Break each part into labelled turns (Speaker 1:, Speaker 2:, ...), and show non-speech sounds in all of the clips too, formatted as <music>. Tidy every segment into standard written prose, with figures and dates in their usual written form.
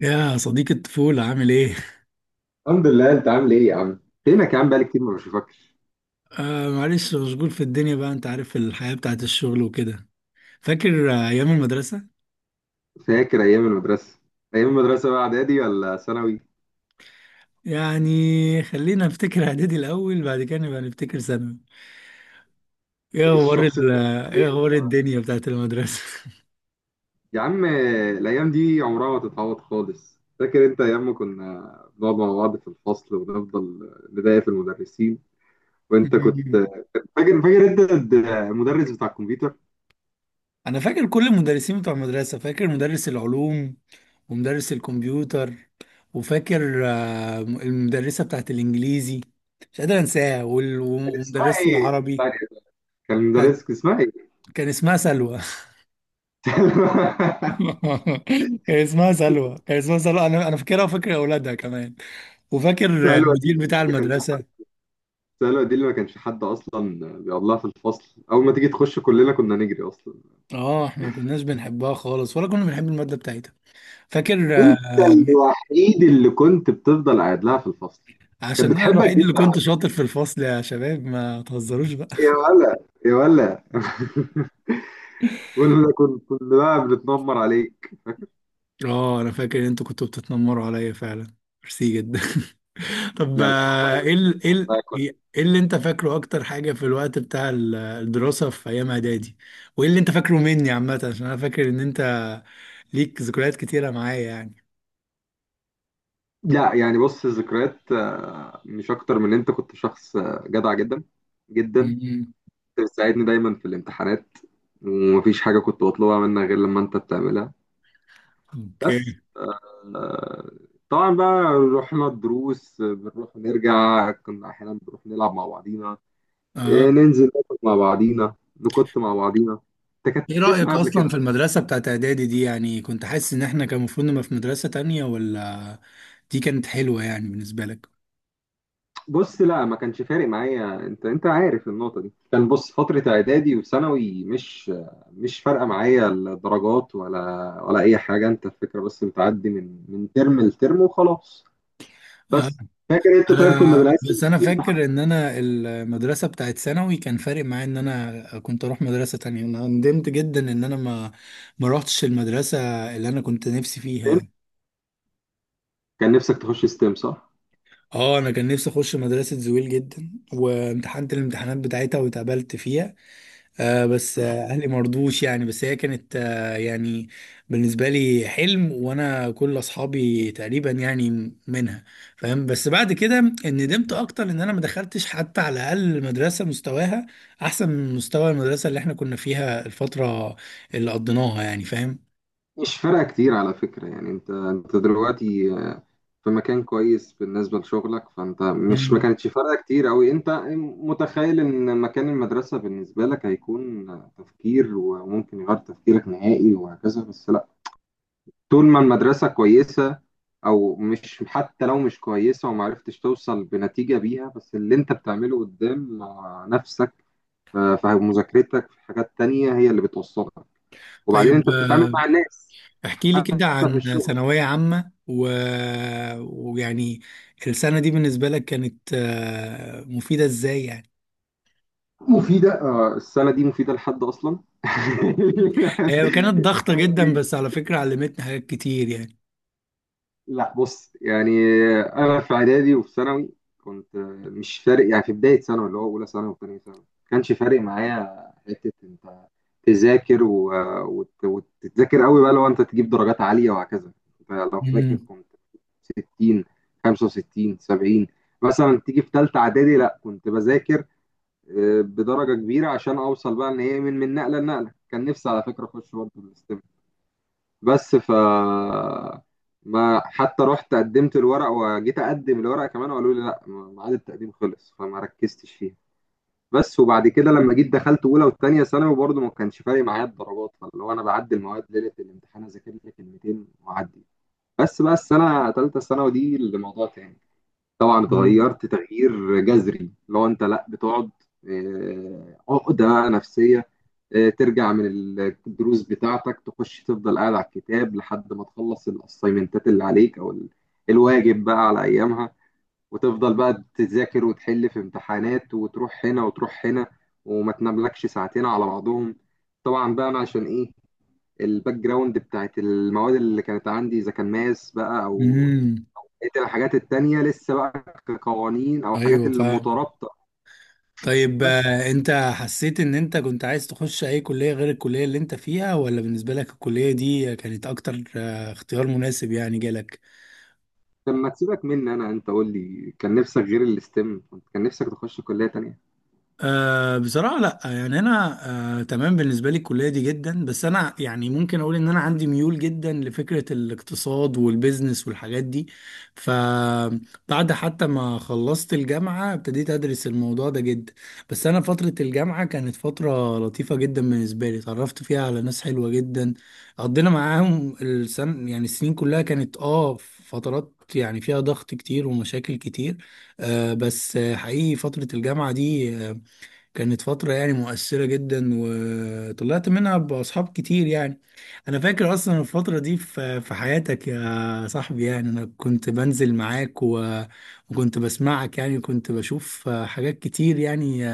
Speaker 1: يا صديق الطفولة عامل ايه؟
Speaker 2: الحمد لله، انت عامل ايه يا عم؟ فينك يا عم؟ بقالي كتير ما بشوفكش.
Speaker 1: معلش مشغول في الدنيا بقى، انت عارف الحياة بتاعت الشغل وكده. فاكر ايام المدرسة؟
Speaker 2: فاكر ايام المدرسه. ايام المدرسه بقى، اعدادي ولا ثانوي؟
Speaker 1: يعني خلينا نفتكر <laughs> اعدادي الاول، بعد كده نبقى نفتكر ثانوي. ايه اخبار
Speaker 2: الشخص،
Speaker 1: ايه اخبار الدنيا بتاعت المدرسة؟
Speaker 2: يا عم، الايام دي عمرها ما تتعوض خالص. فاكر انت ايام ما كنا بنقعد مع بعض في الفصل ونفضل نضايق في المدرسين؟ وانت كنت
Speaker 1: <laughs>
Speaker 2: فاكر انت المدرس بتاع الكمبيوتر؟
Speaker 1: انا فاكر كل المدرسين بتوع المدرسة، فاكر مدرس العلوم ومدرس الكمبيوتر، وفاكر المدرسة بتاعت الانجليزي مش قادر انساها،
Speaker 2: كان اسمها
Speaker 1: ومدرسة
Speaker 2: ايه؟ اسمها
Speaker 1: العربي.
Speaker 2: ايه؟ كان
Speaker 1: كانت-
Speaker 2: مدرسك اسمها ايه؟
Speaker 1: كان اسمها سلوى.
Speaker 2: <laughs>
Speaker 1: <laughs> كان اسمها سلوى، كان اسمها سلوى، انا فاكرها وفاكر اولادها كمان، وفاكر
Speaker 2: سهل وديع.
Speaker 1: المدير بتاع
Speaker 2: ما كانش،
Speaker 1: المدرسه.
Speaker 2: السهلة دي اللي ما كانش حد أصلا بيقعد لها في الفصل. أول ما تيجي تخش كلنا كنا نجري أصلا.
Speaker 1: اه احنا ما كناش بنحبها خالص ولا كنا بنحب الماده بتاعتها. فاكر
Speaker 2: أنت الوحيد اللي كنت بتفضل قاعد لها في الفصل. كانت
Speaker 1: عشان انا
Speaker 2: بتحبك
Speaker 1: الوحيد اللي
Speaker 2: جدا
Speaker 1: كنت
Speaker 2: على فكرة.
Speaker 1: شاطر في الفصل، يا شباب ما تهزروش بقى.
Speaker 2: يا ولا، يا ولا، <laughs> كنا بقى بنتنمر عليك.
Speaker 1: اه انا فاكر ان انتوا كنتوا بتتنمروا عليا فعلا، ميرسي جدا. طب
Speaker 2: لا، بس والله، والله كنت.
Speaker 1: ايه اللي انت فاكره اكتر حاجة في الوقت بتاع الدراسة في ايام اعدادي؟ وايه اللي انت فاكره مني عامة؟ عشان انا فاكر ان انت ليك ذكريات كتيرة معايا يعني.
Speaker 2: لا يعني، بص الذكريات مش أكتر من إن أنت كنت شخص جدع جدا جدا. كنت
Speaker 1: مم.
Speaker 2: بتساعدني دايما في الامتحانات، ومفيش حاجة كنت بطلبها منك غير لما أنت بتعملها. بس
Speaker 1: اوكي.
Speaker 2: طبعا بقى، رحنا الدروس بنروح ونرجع. كنا احيانا بنروح نلعب مع بعضينا،
Speaker 1: اه،
Speaker 2: ننزل ناكل مع بعضينا، نكت مع بعضينا.
Speaker 1: ايه
Speaker 2: تكتت
Speaker 1: رأيك
Speaker 2: معايا قبل كده.
Speaker 1: اصلا في المدرسة بتاعت اعدادي دي؟ يعني كنت حاسس ان احنا كان المفروض نبقى في مدرسة تانية، ولا دي كانت حلوة يعني بالنسبة لك؟
Speaker 2: بص لا، ما كانش فارق معايا. انت عارف النقطه دي. كان بص، فتره اعدادي وثانوي مش مش فارقه معايا الدرجات، ولا اي حاجه. انت الفكره بس بتعدي من ترم لترم وخلاص.
Speaker 1: آه.
Speaker 2: بس، فاكر انت طيب كنا
Speaker 1: انا
Speaker 2: بنقسم
Speaker 1: بس انا
Speaker 2: السنين امتحانات؟
Speaker 1: فاكر ان انا المدرسه بتاعت ثانوي كان فارق معايا ان انا كنت اروح مدرسه تانية، انا ندمت جدا ان انا ما روحتش المدرسه اللي انا كنت نفسي فيها يعني.
Speaker 2: كان نفسك تخش ستيم، صح؟
Speaker 1: اه انا كان نفسي اخش مدرسه زويل جدا، وامتحنت الامتحانات بتاعتها واتقبلت فيها. آه بس اهلي مرضوش يعني، بس هي كانت آه يعني بالنسبه لي حلم، وانا كل اصحابي تقريبا يعني منها. فاهم؟ بس بعد كده ندمت اكتر ان انا ما دخلتش حتى على الاقل مدرسه مستواها احسن من مستوى المدرسه اللي احنا كنا فيها الفتره اللي قضيناها يعني، فاهم؟
Speaker 2: مش فارقة كتير على فكرة يعني. انت دلوقتي في مكان كويس بالنسبة لشغلك. فانت مش، ما
Speaker 1: مم.
Speaker 2: كانتش فارقة كتير اوي. انت متخيل ان مكان المدرسة بالنسبة لك هيكون تفكير، وممكن يغير تفكيرك نهائي وهكذا، بس لا. طول ما المدرسة كويسة، او مش، حتى لو مش كويسة ومعرفتش توصل بنتيجة بيها، بس اللي انت بتعمله قدام نفسك، في مذاكرتك، في حاجات تانية، هي اللي بتوصلك. وبعدين
Speaker 1: طيب
Speaker 2: انت بتتعامل مع الناس
Speaker 1: احكي لي كده
Speaker 2: حتى في
Speaker 1: عن
Speaker 2: الشغل.
Speaker 1: ثانويه عامه و... ويعني السنه دي بالنسبه لك كانت آه مفيده ازاي يعني؟
Speaker 2: مفيدة، السنة دي مفيدة لحد أصلا. <laughs>
Speaker 1: هي كانت ضغطة جدا، بس على فكرة علمتني حاجات كتير يعني.
Speaker 2: لا بص يعني، أنا في إعدادي وفي ثانوي كنت مش فارق يعني. في بداية ثانوي اللي هو أولى ثانوي وثانية ثانوي ما كانش فارق معايا حتة أنت تذاكر وتتذاكر قوي بقى لو أنت تجيب درجات عالية وهكذا. أنت لو فاكر
Speaker 1: امم.
Speaker 2: كنت 60، 65، 70 مثلا. تيجي في ثالثة إعدادي لا كنت بذاكر بدرجه كبيره عشان اوصل بقى، ان هي من نقله لنقله. كان نفسي على فكره اخش برضه الاستم، بس ما حتى رحت قدمت الورق وجيت اقدم الورق كمان، وقالوا لي لا، ميعاد التقديم خلص، فما ركزتش فيها. بس وبعد كده لما جيت دخلت اولى وثانيه ثانوي برضه ما كانش فارق معايا الدرجات. فاللي هو انا بعدي المواد ليله الامتحان اذاكر لي كلمتين واعدي. بس بقى السنه ثالثه ثانوي دي اللي موضوع تاني. طبعا
Speaker 1: امم.
Speaker 2: اتغيرت تغيير جذري. لو انت لا، بتقعد عقده بقى نفسيه، ترجع من الدروس بتاعتك تخش تفضل قاعد على الكتاب لحد ما تخلص الاسايمنتات اللي عليك، او الواجب بقى على ايامها. وتفضل بقى تذاكر وتحل في امتحانات وتروح هنا وتروح هنا، وما تناملكش ساعتين على بعضهم. طبعا بقى، انا عشان ايه؟ الباك جراوند بتاعت المواد اللي كانت عندي اذا كان ماس بقى، او
Speaker 1: أمم.
Speaker 2: بقيت الحاجات التانية لسه بقى كقوانين أو حاجات
Speaker 1: ايوه، فاهم.
Speaker 2: المترابطة.
Speaker 1: طيب
Speaker 2: بس،
Speaker 1: انت حسيت ان انت كنت عايز تخش اي كلية غير الكلية اللي انت فيها، ولا بالنسبة لك الكلية دي كانت اكتر اختيار مناسب يعني جالك؟
Speaker 2: لما تسيبك مني أنا، أنت قول لي، كان نفسك غير الاستم؟ كنت كان نفسك تخش كلية تانية؟
Speaker 1: أه بصراحة لا، يعني أنا أه تمام بالنسبة لي الكلية دي جدا، بس أنا يعني ممكن أقول إن أنا عندي ميول جدا لفكرة الاقتصاد والبيزنس والحاجات دي. فبعد حتى ما خلصت الجامعة ابتديت أدرس الموضوع ده جدا. بس أنا فترة الجامعة كانت فترة لطيفة جدا بالنسبة لي، اتعرفت فيها على ناس حلوة جدا قضينا معاهم السن، يعني السنين كلها كانت آه فترات يعني فيها ضغط كتير ومشاكل كتير. أه بس حقيقي فترة الجامعة دي كانت فترة يعني مؤثرة جدا، وطلعت منها بأصحاب كتير يعني. أنا فاكر أصلا الفترة دي في حياتك يا صاحبي، يعني أنا كنت بنزل معاك وكنت بسمعك يعني، وكنت بشوف حاجات كتير يعني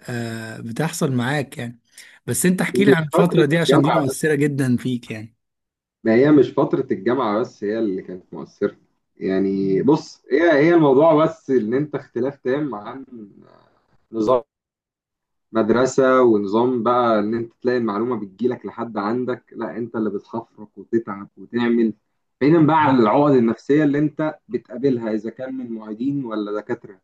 Speaker 1: بتحصل معاك يعني. بس أنت احكي لي عن
Speaker 2: مش
Speaker 1: الفترة
Speaker 2: فترة
Speaker 1: دي عشان دي
Speaker 2: الجامعة بس.
Speaker 1: مؤثرة جدا فيك
Speaker 2: ما هي مش فترة الجامعة بس هي اللي كانت مؤثرة. يعني بص، هي الموضوع، بس إن أنت اختلاف تام عن نظام مدرسة ونظام بقى. إن أنت تلاقي المعلومة بتجيلك لحد عندك، لا أنت اللي بتخفرك وتتعب وتعمل، بعيدا بقى
Speaker 1: يعني.
Speaker 2: عن العقد النفسية اللي أنت بتقابلها، إذا كان من معيدين ولا دكاترة.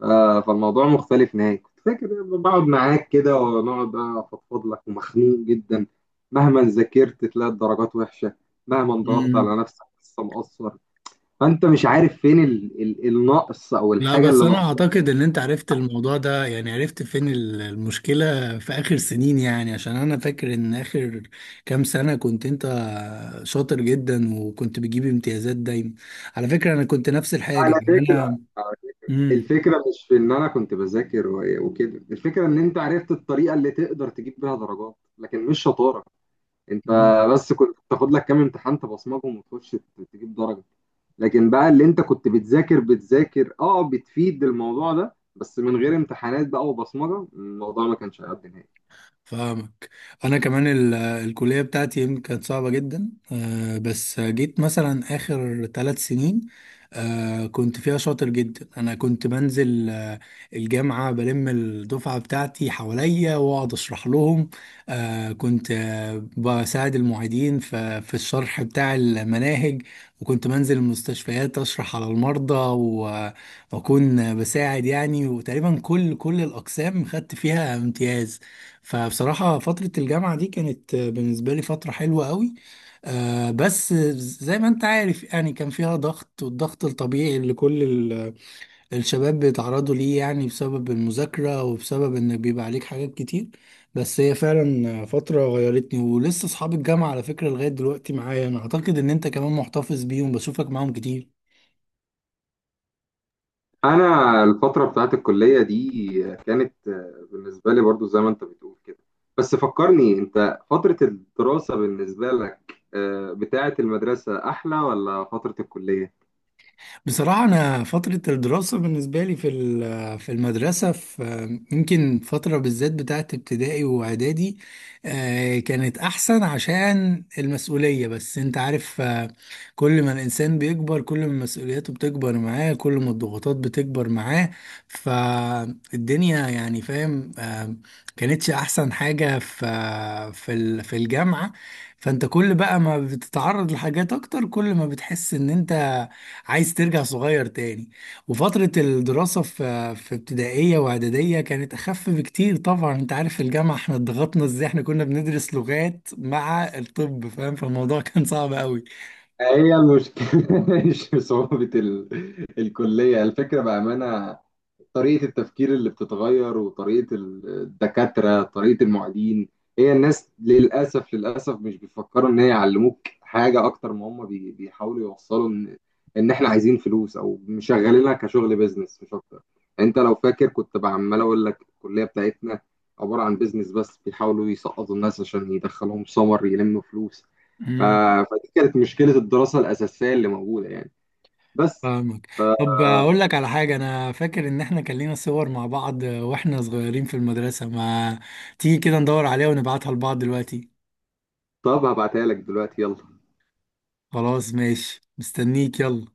Speaker 2: ف- فالموضوع مختلف نهائي. كنت فاكر إن أنا بقعد معاك كده ونقعد بقى أفضفض لك، ومخنوق جدا مهما ذاكرت تلاقي الدرجات وحشة، مهما ضغطت على نفسك لسه مقصر. فأنت مش عارف فين ال النقص أو
Speaker 1: لا
Speaker 2: الحاجة
Speaker 1: بس
Speaker 2: اللي
Speaker 1: انا
Speaker 2: ناقصاك.
Speaker 1: اعتقد ان انت عرفت الموضوع ده يعني، عرفت فين المشكلة في اخر سنين يعني، عشان انا فاكر ان اخر كام سنة كنت انت شاطر جدا وكنت بتجيب امتيازات دايما. على فكرة انا كنت نفس الحاجة
Speaker 2: على
Speaker 1: يعني
Speaker 2: فكرة،
Speaker 1: انا.
Speaker 2: الفكرة مش في إن أنا كنت بذاكر وكده. الفكرة إن أنت عرفت الطريقة اللي تقدر تجيب بيها درجات، لكن مش شطارة. أنت
Speaker 1: امم.
Speaker 2: بس كنت تاخد لك كام امتحان تبصمجهم وتخش تجيب درجة. لكن بقى اللي أنت كنت بتذاكر بتذاكر بتفيد الموضوع ده، بس من غير امتحانات بقى وبصمجة الموضوع ما كانش هيعدي نهائي.
Speaker 1: فاهمك. انا كمان الكليه بتاعتي يمكن كانت صعبه جدا بس جيت مثلا اخر ثلاث سنين كنت فيها شاطر جدا، انا كنت بنزل الجامعه بلم الدفعه بتاعتي حواليا واقعد اشرح لهم. كنت بساعد المعيدين في الشرح بتاع المناهج، وكنت بنزل المستشفيات اشرح على المرضى واكون بساعد يعني، وتقريبا كل الاقسام خدت فيها امتياز. فبصراحة فترة الجامعة دي كانت بالنسبة لي فترة حلوة قوي بس زي ما انت عارف يعني كان فيها ضغط، والضغط الطبيعي اللي كل الشباب بيتعرضوا ليه يعني، بسبب المذاكرة وبسبب ان بيبقى عليك حاجات كتير. بس هي فعلا فترة غيرتني، ولسه اصحاب الجامعة على فكرة لغاية دلوقتي معايا، انا اعتقد ان انت كمان محتفظ بيهم، بشوفك معاهم كتير.
Speaker 2: انا الفتره بتاعت الكليه دي كانت بالنسبه لي برضو زي ما انت بتقول كده. بس فكرني انت، فتره الدراسه بالنسبه لك بتاعت المدرسه احلى ولا فتره الكليه؟
Speaker 1: بصراحة أنا فترة الدراسة بالنسبة لي في في المدرسة، في يمكن فترة بالذات بتاعت ابتدائي وإعدادي كانت أحسن، عشان المسؤولية، بس أنت عارف كل ما الإنسان بيكبر كل ما مسؤولياته بتكبر معاه كل ما الضغوطات بتكبر معاه. فالدنيا يعني، فاهم كانتش أحسن حاجة في في الجامعة. فأنت كل بقى ما بتتعرض لحاجات أكتر كل ما بتحس إن أنت عايز ترجع صغير تاني. وفترة الدراسة في ابتدائية واعدادية كانت أخف بكتير، طبعا أنت عارف في الجامعة احنا ضغطنا ازاي، احنا كنا بندرس لغات مع الطب، فاهم؟ فالموضوع <laughs> كان صعب قوي.
Speaker 2: هي المشكله <laughs> مش صعوبه الكليه. الفكره بامانه طريقة التفكير اللي بتتغير، وطريقة الدكاترة، طريقة المعيدين. هي الناس للأسف للأسف مش بيفكروا إن هي يعلموك حاجة، أكتر ما هم بيحاولوا يوصلوا إن إحنا عايزين فلوس، أو مشغلينها كشغل بيزنس مش أكتر. أنت لو فاكر كنت عمال أقول لك الكلية بتاعتنا عبارة عن بيزنس، بس بيحاولوا يسقطوا الناس عشان يدخلهم سمر يلموا فلوس. ف-
Speaker 1: مم.
Speaker 2: فدي كانت مشكلة الدراسة الأساسية اللي موجودة يعني. بس
Speaker 1: فاهمك. طب أقول لك على حاجة، أنا فاكر إن احنا كان لينا صور مع بعض واحنا صغيرين في المدرسة، ما تيجي كده ندور عليها ونبعتها لبعض دلوقتي؟
Speaker 2: طب هبعتها لك دلوقتي، يلا.
Speaker 1: خلاص ماشي، مستنيك يلا.